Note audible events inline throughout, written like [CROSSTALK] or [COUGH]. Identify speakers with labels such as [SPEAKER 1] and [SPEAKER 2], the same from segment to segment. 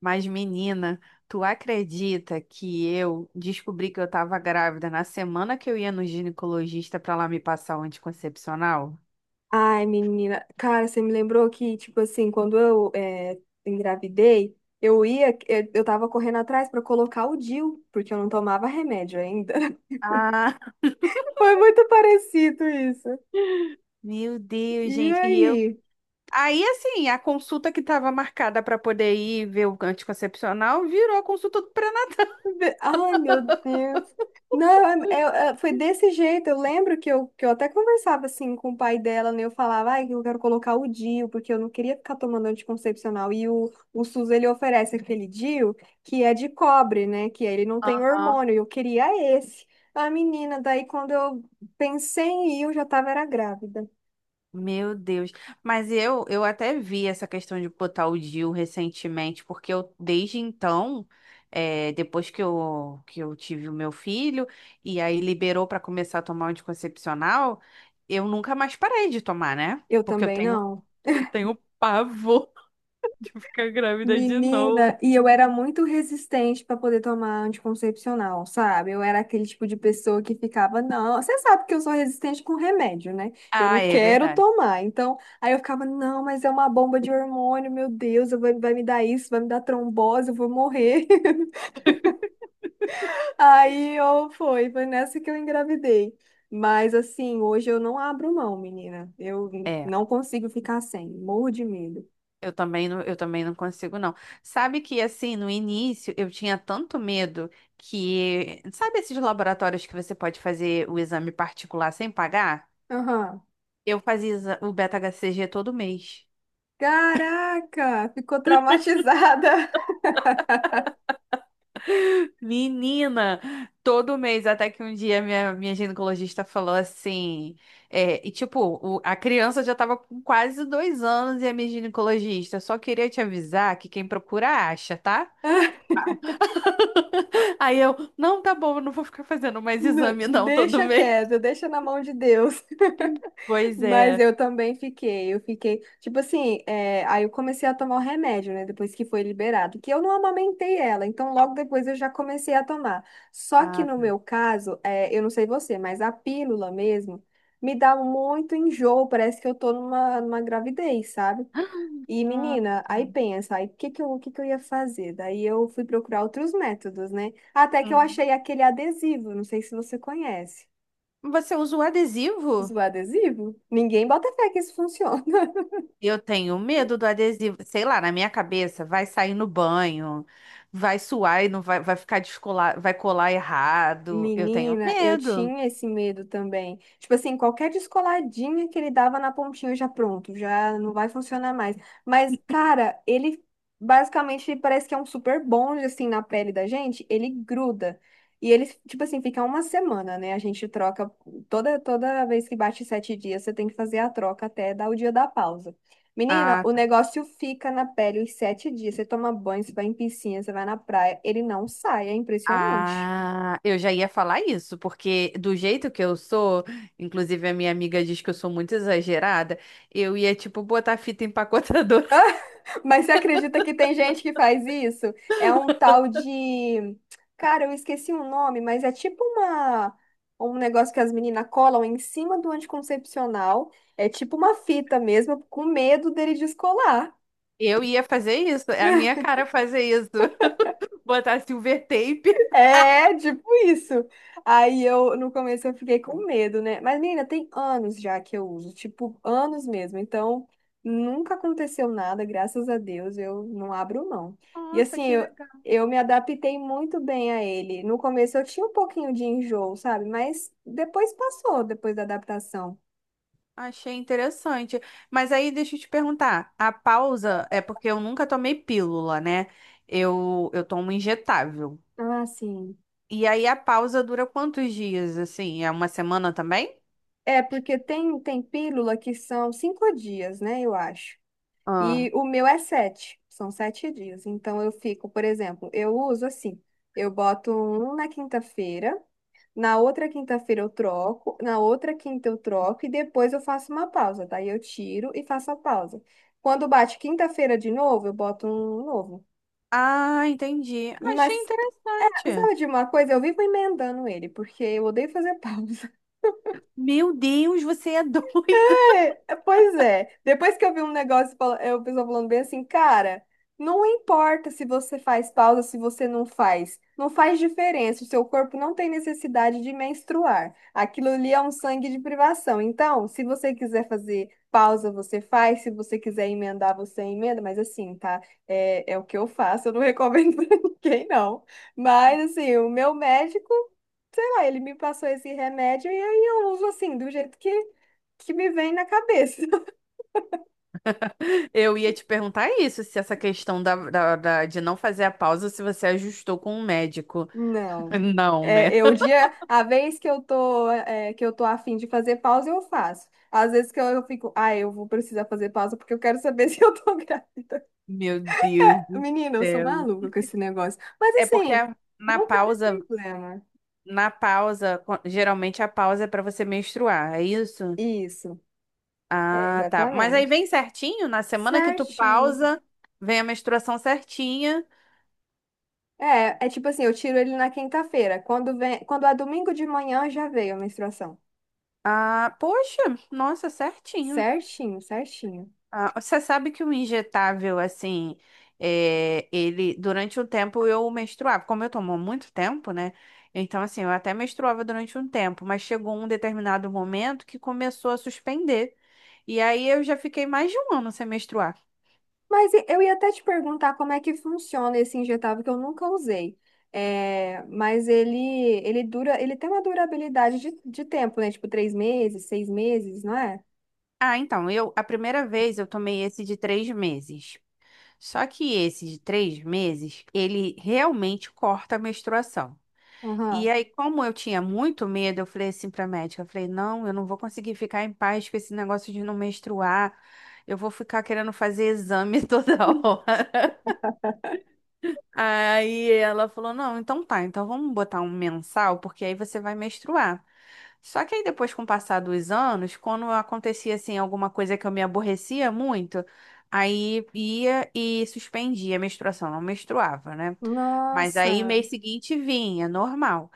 [SPEAKER 1] Mas, menina, tu acredita que eu descobri que eu tava grávida na semana que eu ia no ginecologista pra lá me passar o anticoncepcional?
[SPEAKER 2] Ai, menina, cara, você me lembrou que, tipo assim, quando engravidei, eu tava correndo atrás pra colocar o DIU, porque eu não tomava remédio ainda. [LAUGHS]
[SPEAKER 1] Ah, [LAUGHS]
[SPEAKER 2] Foi muito parecido isso.
[SPEAKER 1] meu Deus,
[SPEAKER 2] E
[SPEAKER 1] gente. E eu.
[SPEAKER 2] aí?
[SPEAKER 1] Aí, assim, a consulta que tava marcada pra poder ir ver o anticoncepcional virou a consulta do
[SPEAKER 2] Ai, meu Deus. Não, foi desse jeito. Eu lembro que eu até conversava assim com o pai dela, né? Eu falava, ai, eu quero colocar o DIU, porque eu não queria ficar tomando anticoncepcional. E o SUS, ele oferece aquele DIU que é de cobre, né? Que ele não tem
[SPEAKER 1] pré-natal.
[SPEAKER 2] hormônio. Eu queria esse. A menina, daí quando eu pensei em ir, eu já tava era grávida.
[SPEAKER 1] Meu Deus. Mas eu até vi essa questão de botar o Dil recentemente, porque eu, desde então, depois que eu, tive o meu filho, e aí liberou para começar a tomar o anticoncepcional, eu nunca mais parei de tomar, né?
[SPEAKER 2] Eu
[SPEAKER 1] Porque
[SPEAKER 2] também não.
[SPEAKER 1] eu tenho pavor [LAUGHS] de ficar grávida de novo.
[SPEAKER 2] Menina, e eu era muito resistente para poder tomar anticoncepcional, sabe? Eu era aquele tipo de pessoa que ficava, não, você sabe que eu sou resistente com remédio, né? Eu não
[SPEAKER 1] Ah, é
[SPEAKER 2] quero
[SPEAKER 1] verdade.
[SPEAKER 2] tomar. Então, aí eu ficava, não, mas é uma bomba de hormônio, meu Deus, vai me dar isso, vai me dar trombose, eu vou morrer. [LAUGHS] Aí eu foi nessa que eu engravidei. Mas assim, hoje eu não abro mão, menina. Eu
[SPEAKER 1] É.
[SPEAKER 2] não consigo ficar sem, morro de medo.
[SPEAKER 1] Eu também não consigo, não. Sabe que, assim, no início eu tinha tanto medo que. Sabe esses laboratórios que você pode fazer o exame particular sem pagar?
[SPEAKER 2] Aham.
[SPEAKER 1] Eu fazia o beta-HCG todo mês.
[SPEAKER 2] Caraca, ficou traumatizada.
[SPEAKER 1] Menina, todo mês, até que um dia minha, minha ginecologista falou assim. E tipo, a criança já tava com quase dois anos e a minha ginecologista só queria te avisar que quem procura acha, tá?
[SPEAKER 2] [LAUGHS]
[SPEAKER 1] Aí eu, não, tá bom, eu não vou ficar fazendo mais
[SPEAKER 2] N-
[SPEAKER 1] exame não todo
[SPEAKER 2] Deixa
[SPEAKER 1] mês.
[SPEAKER 2] quieto, deixa na mão de Deus. [LAUGHS]
[SPEAKER 1] Pois
[SPEAKER 2] Mas
[SPEAKER 1] é.
[SPEAKER 2] eu também fiquei, tipo assim, aí eu comecei a tomar o remédio, né, depois que foi liberado, que eu não amamentei ela, então logo depois eu já comecei a tomar. Só que
[SPEAKER 1] Ah,
[SPEAKER 2] no
[SPEAKER 1] tá.
[SPEAKER 2] meu caso, eu não sei você, mas a pílula mesmo me dá muito enjoo, parece que eu tô numa gravidez, sabe? E
[SPEAKER 1] Ah,
[SPEAKER 2] menina, aí
[SPEAKER 1] tá.
[SPEAKER 2] pensa, aí o que que eu ia fazer? Daí eu fui procurar outros métodos, né? Até que eu
[SPEAKER 1] Uhum.
[SPEAKER 2] achei aquele adesivo, não sei se você conhece.
[SPEAKER 1] Você usa o
[SPEAKER 2] Usa o
[SPEAKER 1] adesivo?
[SPEAKER 2] adesivo? Ninguém bota fé que isso funciona.
[SPEAKER 1] Eu tenho medo do adesivo. Sei lá, na minha cabeça, vai sair no banho, vai suar e não vai, vai ficar descolar, vai colar errado. Eu tenho
[SPEAKER 2] Menina, eu
[SPEAKER 1] medo.
[SPEAKER 2] tinha esse medo também. Tipo assim, qualquer descoladinha que ele dava na pontinha já pronto, já não vai funcionar mais. Mas, cara, ele basicamente parece que é um super bonde assim na pele da gente, ele gruda. E ele, tipo assim, fica uma semana, né? A gente troca toda vez que bate sete dias, você tem que fazer a troca até dar o dia da pausa. Menina,
[SPEAKER 1] Ah,
[SPEAKER 2] o
[SPEAKER 1] tá.
[SPEAKER 2] negócio fica na pele os sete dias. Você toma banho, você vai em piscina, você vai na praia, ele não sai, é impressionante.
[SPEAKER 1] Ah, eu já ia falar isso, porque do jeito que eu sou, inclusive a minha amiga diz que eu sou muito exagerada, eu ia, tipo, botar fita empacotadora. [LAUGHS]
[SPEAKER 2] Mas você acredita que tem gente que faz isso? É um tal de. Cara, eu esqueci o nome, mas é tipo uma. Um negócio que as meninas colam em cima do anticoncepcional. É tipo uma fita mesmo, com medo dele descolar.
[SPEAKER 1] Eu ia fazer isso, é a minha cara fazer isso. [LAUGHS] Botar silver tape.
[SPEAKER 2] É, tipo isso. Aí eu, no começo, eu fiquei com medo, né? Mas, menina, tem anos já que eu uso, tipo, anos mesmo. Então, nunca aconteceu nada, graças a Deus, eu não abro mão. E
[SPEAKER 1] Nossa,
[SPEAKER 2] assim,
[SPEAKER 1] que
[SPEAKER 2] eu,
[SPEAKER 1] legal.
[SPEAKER 2] eu me adaptei muito bem a ele. No começo eu tinha um pouquinho de enjoo, sabe? Mas depois passou, depois da adaptação.
[SPEAKER 1] Achei interessante. Mas aí deixa eu te perguntar, a pausa é porque eu nunca tomei pílula, né? Eu tomo injetável.
[SPEAKER 2] Ah, sim.
[SPEAKER 1] E aí a pausa dura quantos dias, assim? É uma semana também?
[SPEAKER 2] É, porque tem pílula que são cinco dias, né? Eu acho.
[SPEAKER 1] Ah,
[SPEAKER 2] E o meu é sete, são sete dias. Então eu fico, por exemplo, eu uso assim, eu boto um na quinta-feira, na outra quinta-feira eu troco, na outra quinta eu troco e depois eu faço uma pausa. Daí eu tiro e faço a pausa. Quando bate quinta-feira de novo, eu boto um novo.
[SPEAKER 1] ah, entendi.
[SPEAKER 2] Mas
[SPEAKER 1] Achei interessante.
[SPEAKER 2] sabe de uma coisa? Eu vivo emendando ele, porque eu odeio fazer [LAUGHS] pausa.
[SPEAKER 1] Meu Deus, você é doida.
[SPEAKER 2] É, pois é. Depois que eu vi um negócio, o pessoal falando bem assim, cara, não importa se você faz pausa, se você não faz. Não faz diferença. O seu corpo não tem necessidade de menstruar. Aquilo ali é um sangue de privação. Então, se você quiser fazer pausa, você faz. Se você quiser emendar, você emenda. Mas assim, tá? É o que eu faço. Eu não recomendo [LAUGHS] pra ninguém, não. Mas assim, o meu médico, sei lá, ele me passou esse remédio e aí eu uso assim, do jeito que me vem na cabeça. [LAUGHS]
[SPEAKER 1] [LAUGHS] Eu ia te perguntar isso, se essa questão de não fazer a pausa, se você ajustou com o médico.
[SPEAKER 2] Não.
[SPEAKER 1] [LAUGHS] Não, né?
[SPEAKER 2] A vez que eu tô a fim de fazer pausa, eu faço. Às vezes que eu fico, ah, eu vou precisar fazer pausa porque eu quero saber [LAUGHS] se eu tô grávida.
[SPEAKER 1] Meu Deus do
[SPEAKER 2] Menina, eu sou
[SPEAKER 1] céu.
[SPEAKER 2] maluca com esse negócio. Mas
[SPEAKER 1] É porque
[SPEAKER 2] assim,
[SPEAKER 1] na
[SPEAKER 2] nunca deu
[SPEAKER 1] pausa,
[SPEAKER 2] problema.
[SPEAKER 1] geralmente a pausa é pra você menstruar, é isso?
[SPEAKER 2] Isso, é
[SPEAKER 1] Ah, tá. Mas aí
[SPEAKER 2] exatamente.
[SPEAKER 1] vem certinho, na semana que tu
[SPEAKER 2] Certinho.
[SPEAKER 1] pausa, vem a menstruação certinha.
[SPEAKER 2] É tipo assim, eu tiro ele na quinta-feira. Quando é domingo de manhã, já veio a menstruação.
[SPEAKER 1] Ah, poxa, nossa, certinho.
[SPEAKER 2] Certinho, certinho.
[SPEAKER 1] Ah, você sabe que o injetável, assim, ele, durante um tempo eu menstruava, como eu tomo muito tempo, né? Então, assim, eu até menstruava durante um tempo, mas chegou um determinado momento que começou a suspender. E aí eu já fiquei mais de um ano sem menstruar.
[SPEAKER 2] Mas eu ia até te perguntar como é que funciona esse injetável que eu nunca usei. É, mas ele dura, ele tem uma durabilidade de tempo, né? Tipo, três meses, seis meses, não é?
[SPEAKER 1] Ah, então, eu, a primeira vez eu tomei esse de três meses. Só que esse de três meses, ele realmente corta a menstruação. E
[SPEAKER 2] Aham.
[SPEAKER 1] aí, como eu tinha muito medo, eu falei assim pra médica, eu falei, não, eu não vou conseguir ficar em paz com esse negócio de não menstruar. Eu vou ficar querendo fazer exame [LAUGHS] toda hora. Aí ela falou, não, então tá, então vamos botar um mensal, porque aí você vai menstruar. Só que aí depois, com o passar dos anos, quando acontecia assim alguma coisa que eu me aborrecia muito, aí ia e suspendia a menstruação, não menstruava, né? Mas aí
[SPEAKER 2] Nossa.
[SPEAKER 1] mês seguinte vinha, normal.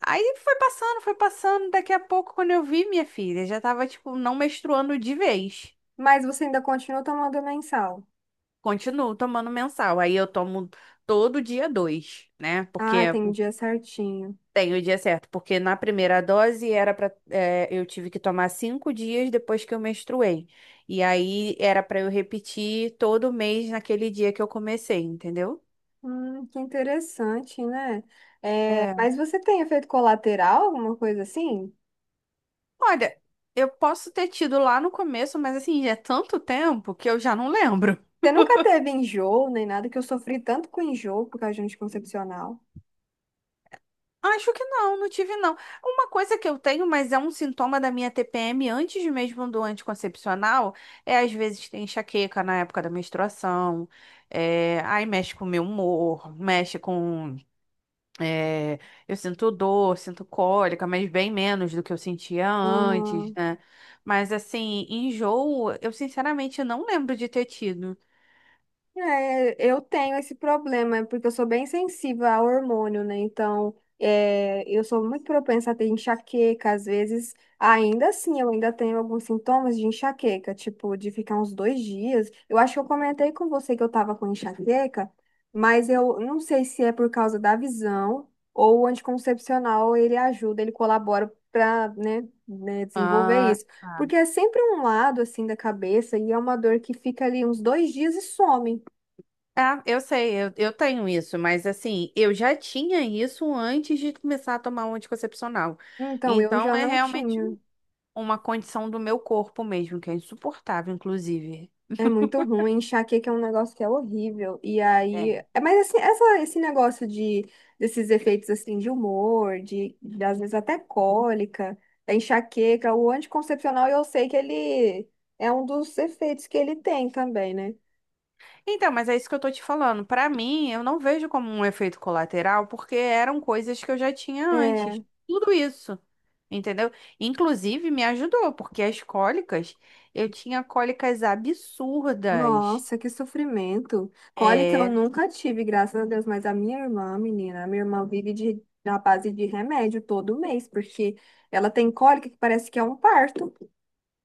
[SPEAKER 1] Aí foi passando, daqui a pouco quando eu vi minha filha, já tava tipo não menstruando de vez.
[SPEAKER 2] Mas você ainda continua tomando mensal.
[SPEAKER 1] Continuo tomando mensal. Aí eu tomo todo dia dois, né? Porque
[SPEAKER 2] Ah, tem dia certinho.
[SPEAKER 1] tem o dia certo, porque na primeira dose era para eu tive que tomar cinco dias depois que eu menstruei. E aí era para eu repetir todo mês naquele dia que eu comecei, entendeu?
[SPEAKER 2] Que interessante, né? É,
[SPEAKER 1] É.
[SPEAKER 2] mas você tem efeito colateral, alguma coisa assim?
[SPEAKER 1] Olha, eu posso ter tido lá no começo, mas assim, já é tanto tempo que eu já não lembro.
[SPEAKER 2] Você nunca teve enjoo, nem nada, que eu sofri tanto com enjoo por causa de anticoncepcional.
[SPEAKER 1] Acho que não, não tive não. Uma coisa que eu tenho, mas é um sintoma da minha TPM antes mesmo do anticoncepcional, é às vezes tem enxaqueca na época da menstruação, aí mexe com o meu humor, mexe com. é, eu sinto dor, sinto cólica, mas bem menos do que eu sentia antes,
[SPEAKER 2] Aham.
[SPEAKER 1] né? Mas assim, enjoo, eu sinceramente não lembro de ter tido.
[SPEAKER 2] É, eu tenho esse problema, é porque eu sou bem sensível ao hormônio, né? Então, eu sou muito propensa a ter enxaqueca, às vezes, ainda assim, eu ainda tenho alguns sintomas de enxaqueca, tipo, de ficar uns dois dias. Eu acho que eu comentei com você que eu tava com enxaqueca, mas eu não sei se é por causa da visão ou o anticoncepcional, ele ajuda, ele colabora para, né, desenvolver
[SPEAKER 1] Ah,
[SPEAKER 2] isso.
[SPEAKER 1] tá.
[SPEAKER 2] Porque é sempre um lado, assim, da cabeça e é uma dor que fica ali uns dois dias e some.
[SPEAKER 1] Ah, eu sei, eu tenho isso, mas assim, eu já tinha isso antes de começar a tomar um anticoncepcional.
[SPEAKER 2] Então, eu
[SPEAKER 1] Então
[SPEAKER 2] já
[SPEAKER 1] é
[SPEAKER 2] não
[SPEAKER 1] realmente
[SPEAKER 2] tinha.
[SPEAKER 1] uma condição do meu corpo mesmo, que é insuportável, inclusive.
[SPEAKER 2] É muito ruim. Enxaqueca é um negócio que é horrível. E aí.
[SPEAKER 1] É.
[SPEAKER 2] É, mas assim, esse negócio de desses efeitos assim de humor, de às vezes até cólica, da enxaqueca, o anticoncepcional, eu sei que ele é um dos efeitos que ele tem também, né?
[SPEAKER 1] Então, mas é isso que eu tô te falando. Pra mim, eu não vejo como um efeito colateral, porque eram coisas que eu já tinha
[SPEAKER 2] É.
[SPEAKER 1] antes. Tudo isso. Entendeu? Inclusive me ajudou, porque as cólicas, eu tinha cólicas absurdas.
[SPEAKER 2] Nossa, que sofrimento. Cólica eu
[SPEAKER 1] É,
[SPEAKER 2] nunca tive, graças a Deus, mas a minha irmã, menina, a minha irmã vive na base de remédio todo mês, porque ela tem cólica que parece que é um parto.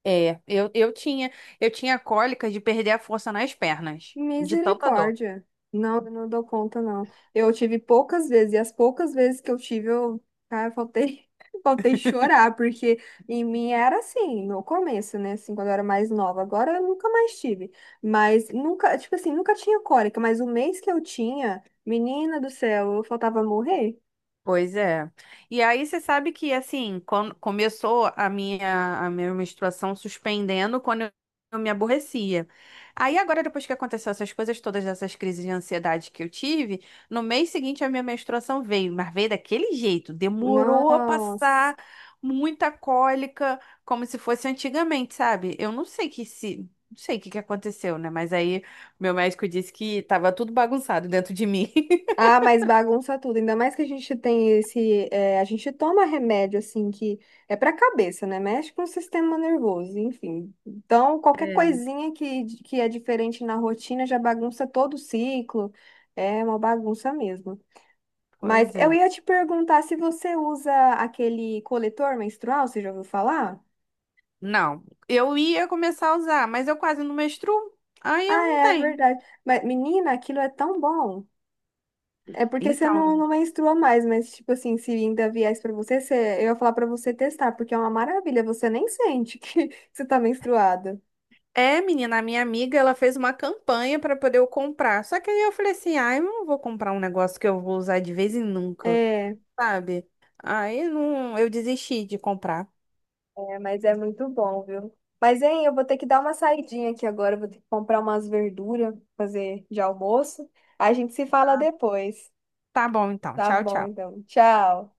[SPEAKER 1] É, eu tinha cólica de perder a força nas pernas, de tanta dor.
[SPEAKER 2] Misericórdia. Não, eu não dou conta, não. Eu tive poucas vezes, e as poucas vezes que eu tive, eu, cara, eu faltei, [LAUGHS] faltei chorar, porque em mim era assim, no começo, né? Assim, quando eu era mais nova. Agora eu nunca mais tive. Mas nunca, tipo assim, nunca tinha cólica, mas o mês que eu tinha, menina do céu, eu faltava morrer.
[SPEAKER 1] Pois é. E aí você sabe que assim, quando começou a minha menstruação suspendendo quando eu me aborrecia. Aí agora depois que aconteceu essas coisas todas essas crises de ansiedade que eu tive, no mês seguinte a minha menstruação veio, mas veio daquele jeito, demorou a
[SPEAKER 2] Nossa.
[SPEAKER 1] passar, muita cólica, como se fosse antigamente, sabe? Eu não sei que se não sei o que que aconteceu, né? Mas aí meu médico disse que tava tudo bagunçado dentro de mim. [LAUGHS]
[SPEAKER 2] Ah, mas bagunça tudo. Ainda mais que a gente tem esse. A gente toma remédio, assim, que é pra cabeça, né? Mexe com o sistema nervoso, enfim. Então, qualquer coisinha que é diferente na rotina já bagunça todo o ciclo. É uma bagunça mesmo. Mas
[SPEAKER 1] Pois
[SPEAKER 2] eu
[SPEAKER 1] é.
[SPEAKER 2] ia te perguntar se você usa aquele coletor menstrual, você já ouviu falar?
[SPEAKER 1] Não, eu ia começar a usar, mas eu quase não menstruo, aí eu
[SPEAKER 2] Ah,
[SPEAKER 1] não
[SPEAKER 2] é
[SPEAKER 1] tenho.
[SPEAKER 2] verdade. Mas, menina, aquilo é tão bom. É porque você não,
[SPEAKER 1] Então,
[SPEAKER 2] não menstrua mais, mas, tipo assim, se ainda viesse pra você, eu ia falar pra você testar, porque é uma maravilha, você nem sente que [LAUGHS] você tá menstruada.
[SPEAKER 1] é, menina, a minha amiga, ela fez uma campanha para poder eu comprar. Só que aí eu falei assim, ah, eu não vou comprar um negócio que eu vou usar de vez em nunca,
[SPEAKER 2] É,
[SPEAKER 1] sabe? Aí não, eu desisti de comprar.
[SPEAKER 2] é, mas é muito bom, viu? Mas, hein, eu vou ter que dar uma saidinha aqui agora. Eu vou ter que comprar umas verduras, fazer de almoço. A gente se fala depois.
[SPEAKER 1] Tá bom, então.
[SPEAKER 2] Tá
[SPEAKER 1] Tchau,
[SPEAKER 2] bom,
[SPEAKER 1] tchau.
[SPEAKER 2] então. Tchau.